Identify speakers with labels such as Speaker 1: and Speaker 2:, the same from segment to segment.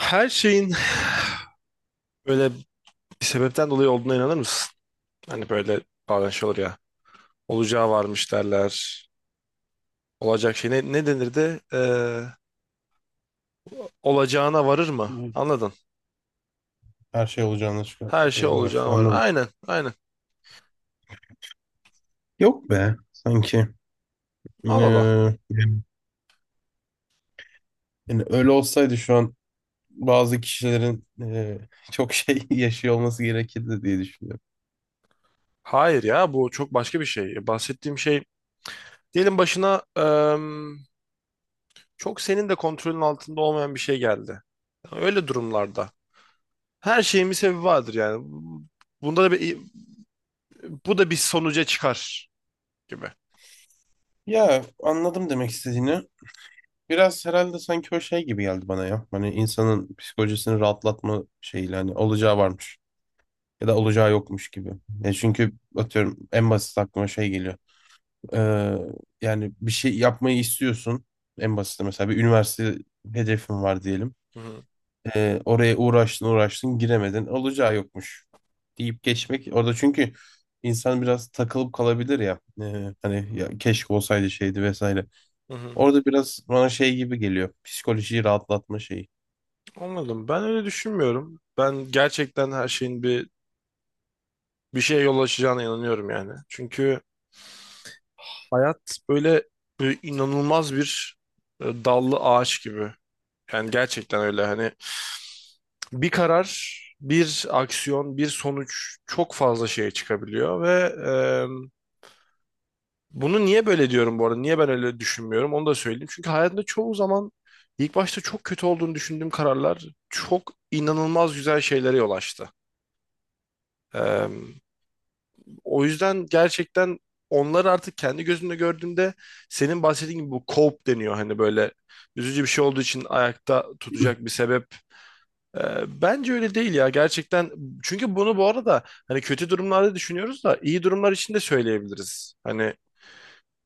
Speaker 1: Her şeyin böyle bir sebepten dolayı olduğuna inanır mısın? Hani böyle bazen şey olur ya. Olacağı varmış derler. Olacak şey ne, ne denir de olacağına varır mı?
Speaker 2: Hı.
Speaker 1: Anladın.
Speaker 2: Her şey olacağına çıkıyor.
Speaker 1: Her şey
Speaker 2: Favor.
Speaker 1: olacağına varır.
Speaker 2: Anladım.
Speaker 1: Aynen aynen.
Speaker 2: Yok be. Sanki.
Speaker 1: Al al
Speaker 2: Ee, Yani öyle olsaydı şu an bazı kişilerin çok şey yaşıyor olması gerekirdi diye düşünüyorum.
Speaker 1: Hayır ya bu çok başka bir şey. Bahsettiğim şey diyelim başına çok senin de kontrolün altında olmayan bir şey geldi. Öyle durumlarda. Her şeyin bir sebebi vardır yani. Bunda da bir, bu da bir sonuca çıkar gibi.
Speaker 2: Ya anladım demek istediğini. Biraz herhalde sanki o şey gibi geldi bana ya. Hani insanın psikolojisini rahatlatma şeyiyle hani olacağı varmış ya da olacağı yokmuş gibi. E çünkü atıyorum en basit aklıma şey geliyor. Ee, Yani bir şey yapmayı istiyorsun. En basiti mesela bir üniversite hedefin var diyelim.
Speaker 1: Hı hı.
Speaker 2: Oraya uğraştın uğraştın giremedin. Olacağı yokmuş deyip geçmek. Orada çünkü insan biraz takılıp kalabilir ya. Hani ya keşke olsaydı şeydi vesaire.
Speaker 1: Hı hı.
Speaker 2: Orada biraz bana şey gibi geliyor. Psikolojiyi rahatlatma şeyi.
Speaker 1: Anladım. Ben öyle düşünmüyorum. Ben gerçekten her şeyin bir şeye yol açacağına inanıyorum yani. Çünkü hayat böyle, böyle inanılmaz bir dallı ağaç gibi. Yani gerçekten öyle hani bir karar, bir aksiyon, bir sonuç çok fazla şeye çıkabiliyor ve bunu niye böyle diyorum bu arada? Niye ben öyle düşünmüyorum? Onu da söyleyeyim. Çünkü hayatımda çoğu zaman ilk başta çok kötü olduğunu düşündüğüm kararlar çok inanılmaz güzel şeylere yol açtı. Ee, O yüzden gerçekten onları artık kendi gözümle gördüğümde senin bahsettiğin gibi bu cope deniyor. Hani böyle üzücü bir şey olduğu için ayakta tutacak bir sebep. Bence öyle değil ya. Gerçekten çünkü bunu bu arada hani kötü durumlarda düşünüyoruz da iyi durumlar için de söyleyebiliriz. Hani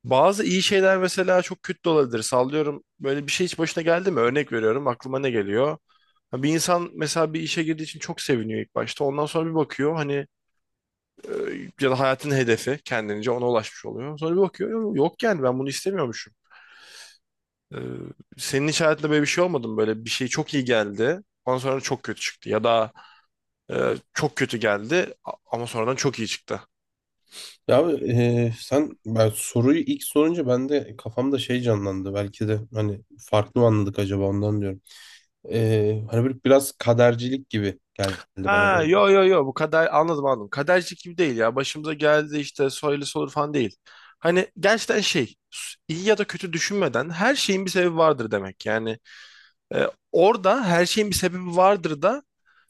Speaker 1: bazı iyi şeyler mesela çok kötü de olabilir. Sallıyorum, böyle bir şey hiç başına geldi mi? Örnek veriyorum, aklıma ne geliyor? Ha, bir insan mesela bir işe girdiği için çok seviniyor ilk başta. Ondan sonra bir bakıyor hani, ya da hayatın hedefi kendince ona ulaşmış oluyor. Sonra bir bakıyor yok yani ben bunu istemiyormuşum." Ee, Senin hiç hayatında böyle bir şey olmadı mı? Böyle bir şey çok iyi geldi. Ondan sonra çok kötü çıktı. Ya da çok kötü geldi ama sonradan çok iyi çıktı.
Speaker 2: Ya abi, sen ben soruyu ilk sorunca ben de kafamda şey canlandı. Belki de hani farklı mı anladık acaba ondan diyorum. Hani böyle biraz kadercilik gibi geldi bana.
Speaker 1: Ha, yo yo yo, bu kadar anladım anladım. Kaderci gibi değil ya. Başımıza geldi işte, söylesi olur falan değil. Hani gerçekten şey, iyi ya da kötü düşünmeden her şeyin bir sebebi vardır demek. Yani orada her şeyin bir sebebi vardır da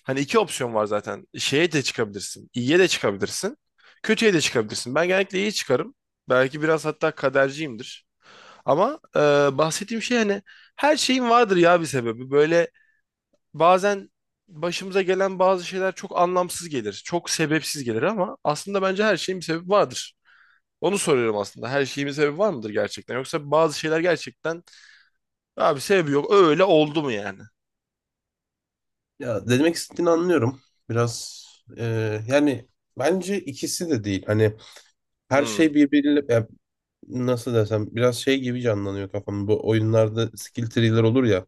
Speaker 1: hani iki opsiyon var zaten. Şeye de çıkabilirsin. İyiye de çıkabilirsin. Kötüye de çıkabilirsin. Ben genellikle iyi çıkarım. Belki biraz hatta kaderciyimdir. Ama bahsettiğim şey hani her şeyin vardır ya bir sebebi. Böyle bazen başımıza gelen bazı şeyler çok anlamsız gelir. Çok sebepsiz gelir ama aslında bence her şeyin bir sebebi vardır. Onu soruyorum aslında. Her şeyin bir sebebi var mıdır gerçekten? Yoksa bazı şeyler gerçekten abi sebebi yok, öyle oldu mu yani?
Speaker 2: Ya ne demek istediğini anlıyorum. Biraz e, yani bence ikisi de değil. Hani her
Speaker 1: Hmm.
Speaker 2: şey birbiriyle ya nasıl desem biraz şey gibi canlanıyor kafamda. Bu oyunlarda skill tree'ler olur ya.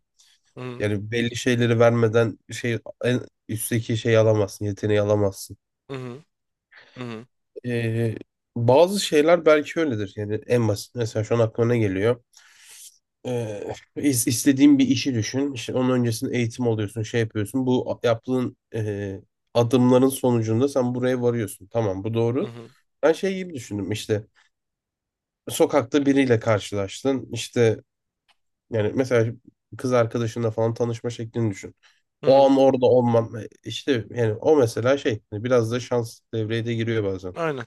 Speaker 1: Hı hı
Speaker 2: Yani belli şeyleri vermeden şey en üstteki şeyi alamazsın, yeteneği alamazsın.
Speaker 1: hı hı
Speaker 2: Ee, Bazı şeyler belki öyledir. Yani en basit mesela şu an aklıma ne geliyor? İstediğin bir işi düşün. İşte onun öncesinde eğitim alıyorsun, şey yapıyorsun. Yaptığın adımların sonucunda sen buraya varıyorsun. Tamam, bu doğru.
Speaker 1: hı
Speaker 2: Ben şey gibi düşündüm işte. Sokakta biriyle karşılaştın. İşte yani mesela kız arkadaşınla falan tanışma şeklini düşün.
Speaker 1: hı
Speaker 2: O
Speaker 1: hı.
Speaker 2: an orada olman işte yani o mesela şey hani biraz da şans devreye de giriyor bazen.
Speaker 1: Aynen.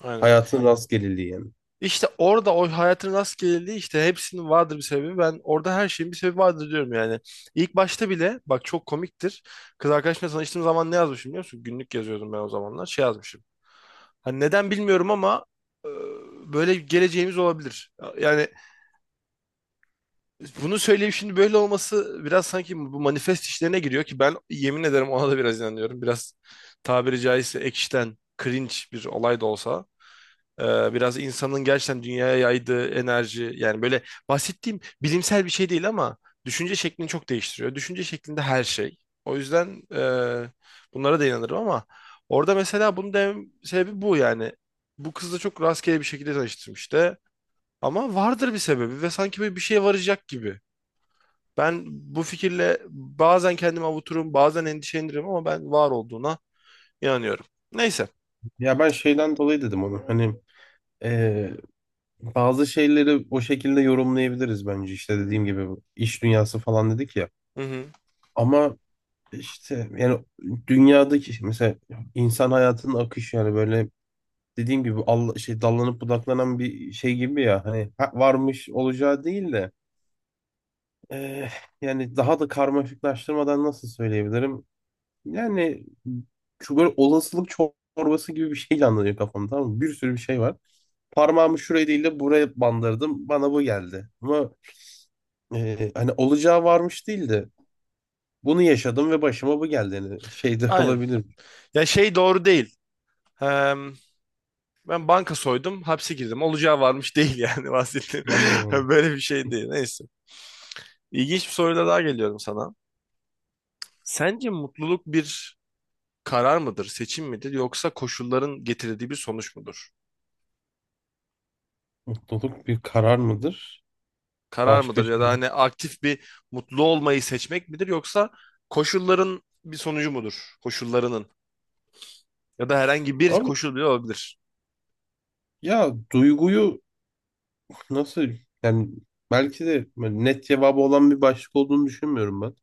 Speaker 1: Aynen.
Speaker 2: Hayatın rastgeleliği yani.
Speaker 1: İşte orada o hayatın rastgeleliği, işte hepsinin vardır bir sebebi. Ben orada her şeyin bir sebebi vardır diyorum yani. İlk başta bile bak, çok komiktir. Kız arkadaşımla tanıştığım zaman ne yazmışım biliyor musun? Günlük yazıyordum ben o zamanlar. Şey yazmışım. Hani neden bilmiyorum ama e, böyle geleceğimiz olabilir. Yani bunu söyleyip şimdi böyle olması biraz sanki bu manifest işlerine giriyor ki ben yemin ederim ona da biraz inanıyorum. Biraz tabiri caizse ekşiden cringe bir olay da olsa. Biraz insanın gerçekten dünyaya yaydığı enerji yani, böyle bahsettiğim bilimsel bir şey değil ama düşünce şeklini çok değiştiriyor. Düşünce şeklinde her şey. O yüzden bunlara da inanırım ama orada mesela bunun dem sebebi bu yani. Bu kızla çok rastgele bir şekilde tanıştım işte. Ama vardır bir sebebi ve sanki böyle bir şeye varacak gibi. Ben bu fikirle bazen kendimi avuturum, bazen endişelenirim ama ben var olduğuna inanıyorum. Neyse.
Speaker 2: Ya ben şeyden dolayı dedim onu. Hani bazı şeyleri o şekilde yorumlayabiliriz bence işte dediğim gibi bu iş dünyası falan dedik ya.
Speaker 1: Hı hı.
Speaker 2: Ama işte yani dünyadaki işte mesela insan hayatının akışı yani böyle dediğim gibi Allah, şey dallanıp budaklanan bir şey gibi ya hani varmış olacağı değil de eh, yani daha da karmaşıklaştırmadan nasıl söyleyebilirim? Yani şu böyle olasılık çorbası gibi bir şeyle anlatıyor kafamda, tamam mı? Bir sürü bir şey var. Parmağımı şuraya değil de buraya bandırdım. Bana bu geldi. Hani olacağı varmış değil de bunu yaşadım ve başıma bu geldi. Yani şey de
Speaker 1: Aynen.
Speaker 2: olabilir.
Speaker 1: Ya şey doğru değil. Ben banka soydum, hapse girdim. Olacağı varmış değil yani bahsettiğim.
Speaker 2: Anladım onu.
Speaker 1: Böyle bir şey değil. Neyse. İlginç bir soruyla daha geliyorum sana. Sence mutluluk bir karar mıdır, seçim midir, yoksa koşulların getirdiği bir sonuç mudur?
Speaker 2: Mutluluk bir karar mıdır?
Speaker 1: Karar
Speaker 2: Başka
Speaker 1: mıdır ya da
Speaker 2: şey.
Speaker 1: hani aktif bir mutlu olmayı seçmek midir, yoksa koşulların bir sonucu mudur? Koşullarının, ya da herhangi bir
Speaker 2: Abi
Speaker 1: koşul bile olabilir.
Speaker 2: ya duyguyu nasıl yani belki de böyle net cevabı olan bir başlık olduğunu düşünmüyorum ben.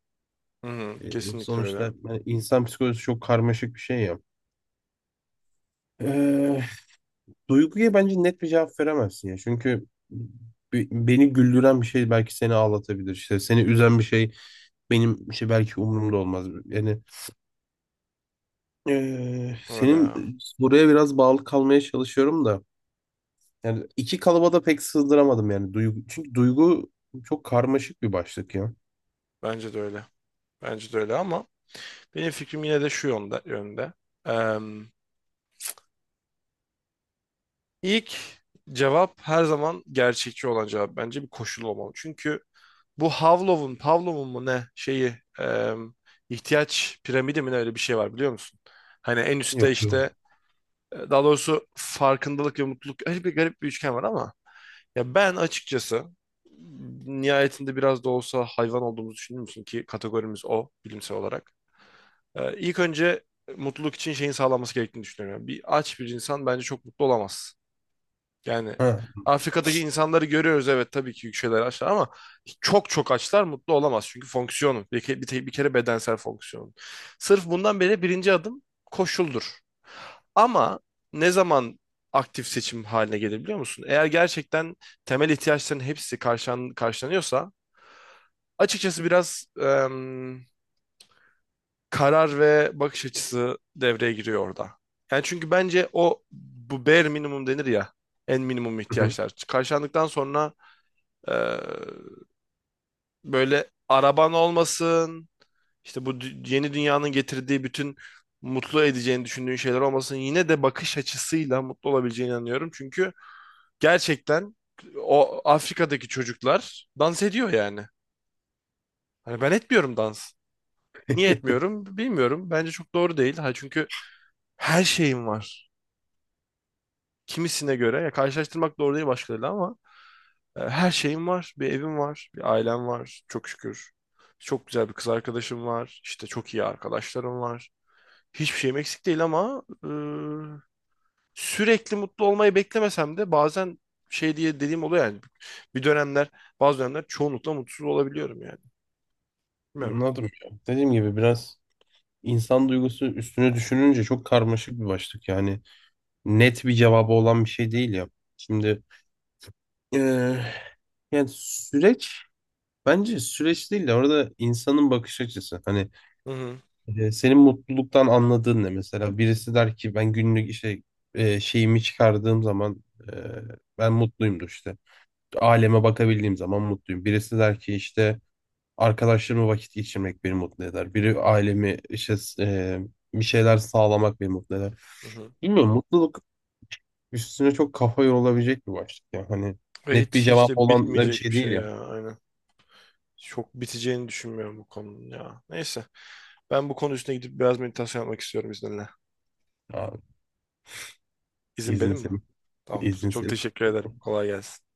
Speaker 1: Hı hı, kesinlikle öyle.
Speaker 2: Sonuçta hani insan psikolojisi çok karmaşık bir şey ya. Ee, Duyguya bence net bir cevap veremezsin ya. Çünkü beni güldüren bir şey belki seni ağlatabilir. İşte seni üzen bir şey benim şey belki umurumda olmaz. Yani
Speaker 1: Öyle
Speaker 2: senin
Speaker 1: ya.
Speaker 2: buraya biraz bağlı kalmaya çalışıyorum da. Yani iki kalıba da pek sığdıramadım yani duygu. Çünkü duygu çok karmaşık bir başlık ya.
Speaker 1: Bence de öyle. Bence de öyle ama benim fikrim yine de şu yönde. İlk cevap, her zaman gerçekçi olan cevap, bence bir koşul olmalı. Çünkü bu Havlov'un, Pavlov'un mu ne şeyi, e, ihtiyaç piramidi mi, ne, öyle bir şey var biliyor musun? Hani en üstte
Speaker 2: Yok
Speaker 1: işte
Speaker 2: duygu.
Speaker 1: daha doğrusu farkındalık ve mutluluk, öyle bir garip bir üçgen var ama ya ben açıkçası nihayetinde biraz da olsa hayvan olduğumuzu düşündüğüm için, ki kategorimiz o bilimsel olarak. İlk önce mutluluk için şeyin sağlanması gerektiğini düşünüyorum. Yani bir aç bir insan bence çok mutlu olamaz. Yani
Speaker 2: Ha.
Speaker 1: Afrika'daki insanları görüyoruz, evet tabii ki yükselir açlar ama çok çok açlar mutlu olamaz. Çünkü fonksiyonu bir, ke- bir, te- bir kere bedensel fonksiyonu. Sırf bundan beri birinci adım koşuldur. Ama ne zaman aktif seçim haline gelir biliyor musun? Eğer gerçekten temel ihtiyaçların hepsi karşılanıyorsa, açıkçası biraz karar ve bakış açısı devreye giriyor orada. Yani çünkü bence o, bu bare minimum denir ya, en minimum ihtiyaçlar karşılandıktan sonra Ee, böyle araban olmasın, işte bu yeni dünyanın getirdiği bütün mutlu edeceğini düşündüğün şeyler olmasın, yine de bakış açısıyla mutlu olabileceğine inanıyorum. Çünkü gerçekten o Afrika'daki çocuklar dans ediyor yani. Hani ben etmiyorum dans. Niye etmiyorum bilmiyorum. Bence çok doğru değil. Ha çünkü her şeyim var. Kimisine göre, ya, karşılaştırmak doğru değil başkalarıyla ama her şeyim var. Bir evim var, bir ailem var çok şükür. Çok güzel bir kız arkadaşım var. İşte çok iyi arkadaşlarım var. Hiçbir şeyim eksik değil ama sürekli mutlu olmayı beklemesem de bazen şey diye dediğim oluyor yani. Bir dönemler, bazı dönemler çoğunlukla mutsuz olabiliyorum yani. Bilmiyorum.
Speaker 2: Anladım ya. Dediğim gibi biraz insan duygusu üstüne düşününce çok karmaşık bir başlık. Yani net bir cevabı olan bir şey değil ya. Şimdi eee, yani süreç bence süreç değil de orada insanın bakış açısı. Hani
Speaker 1: Hı hı,
Speaker 2: Senin mutluluktan anladığın ne mesela? Birisi der ki ben günlük işte şeyimi çıkardığım zaman e, ben mutluyumdur işte. Aleme bakabildiğim zaman mutluyum. Birisi der ki işte arkadaşlarımla vakit geçirmek beni mutlu eder. Biri ailemi işte e, bir şeyler sağlamak beni mutlu eder.
Speaker 1: hı hı.
Speaker 2: Bilmiyorum, mutluluk üstüne çok kafa yorulabilecek bir başlık. Yani hani
Speaker 1: Ve
Speaker 2: net bir
Speaker 1: hiç hiç
Speaker 2: cevap
Speaker 1: de
Speaker 2: olan da bir
Speaker 1: bitmeyecek
Speaker 2: şey
Speaker 1: bir
Speaker 2: değil
Speaker 1: şey
Speaker 2: ya.
Speaker 1: ya. Aynen. Çok biteceğini düşünmüyorum bu konunun ya. Neyse. Ben bu konu üstüne gidip biraz meditasyon yapmak istiyorum izninle.
Speaker 2: Abi,
Speaker 1: İzin
Speaker 2: izin
Speaker 1: benim mi?
Speaker 2: senin.
Speaker 1: Tamamdır.
Speaker 2: İzin
Speaker 1: Çok
Speaker 2: senin.
Speaker 1: teşekkür ederim. Kolay gelsin.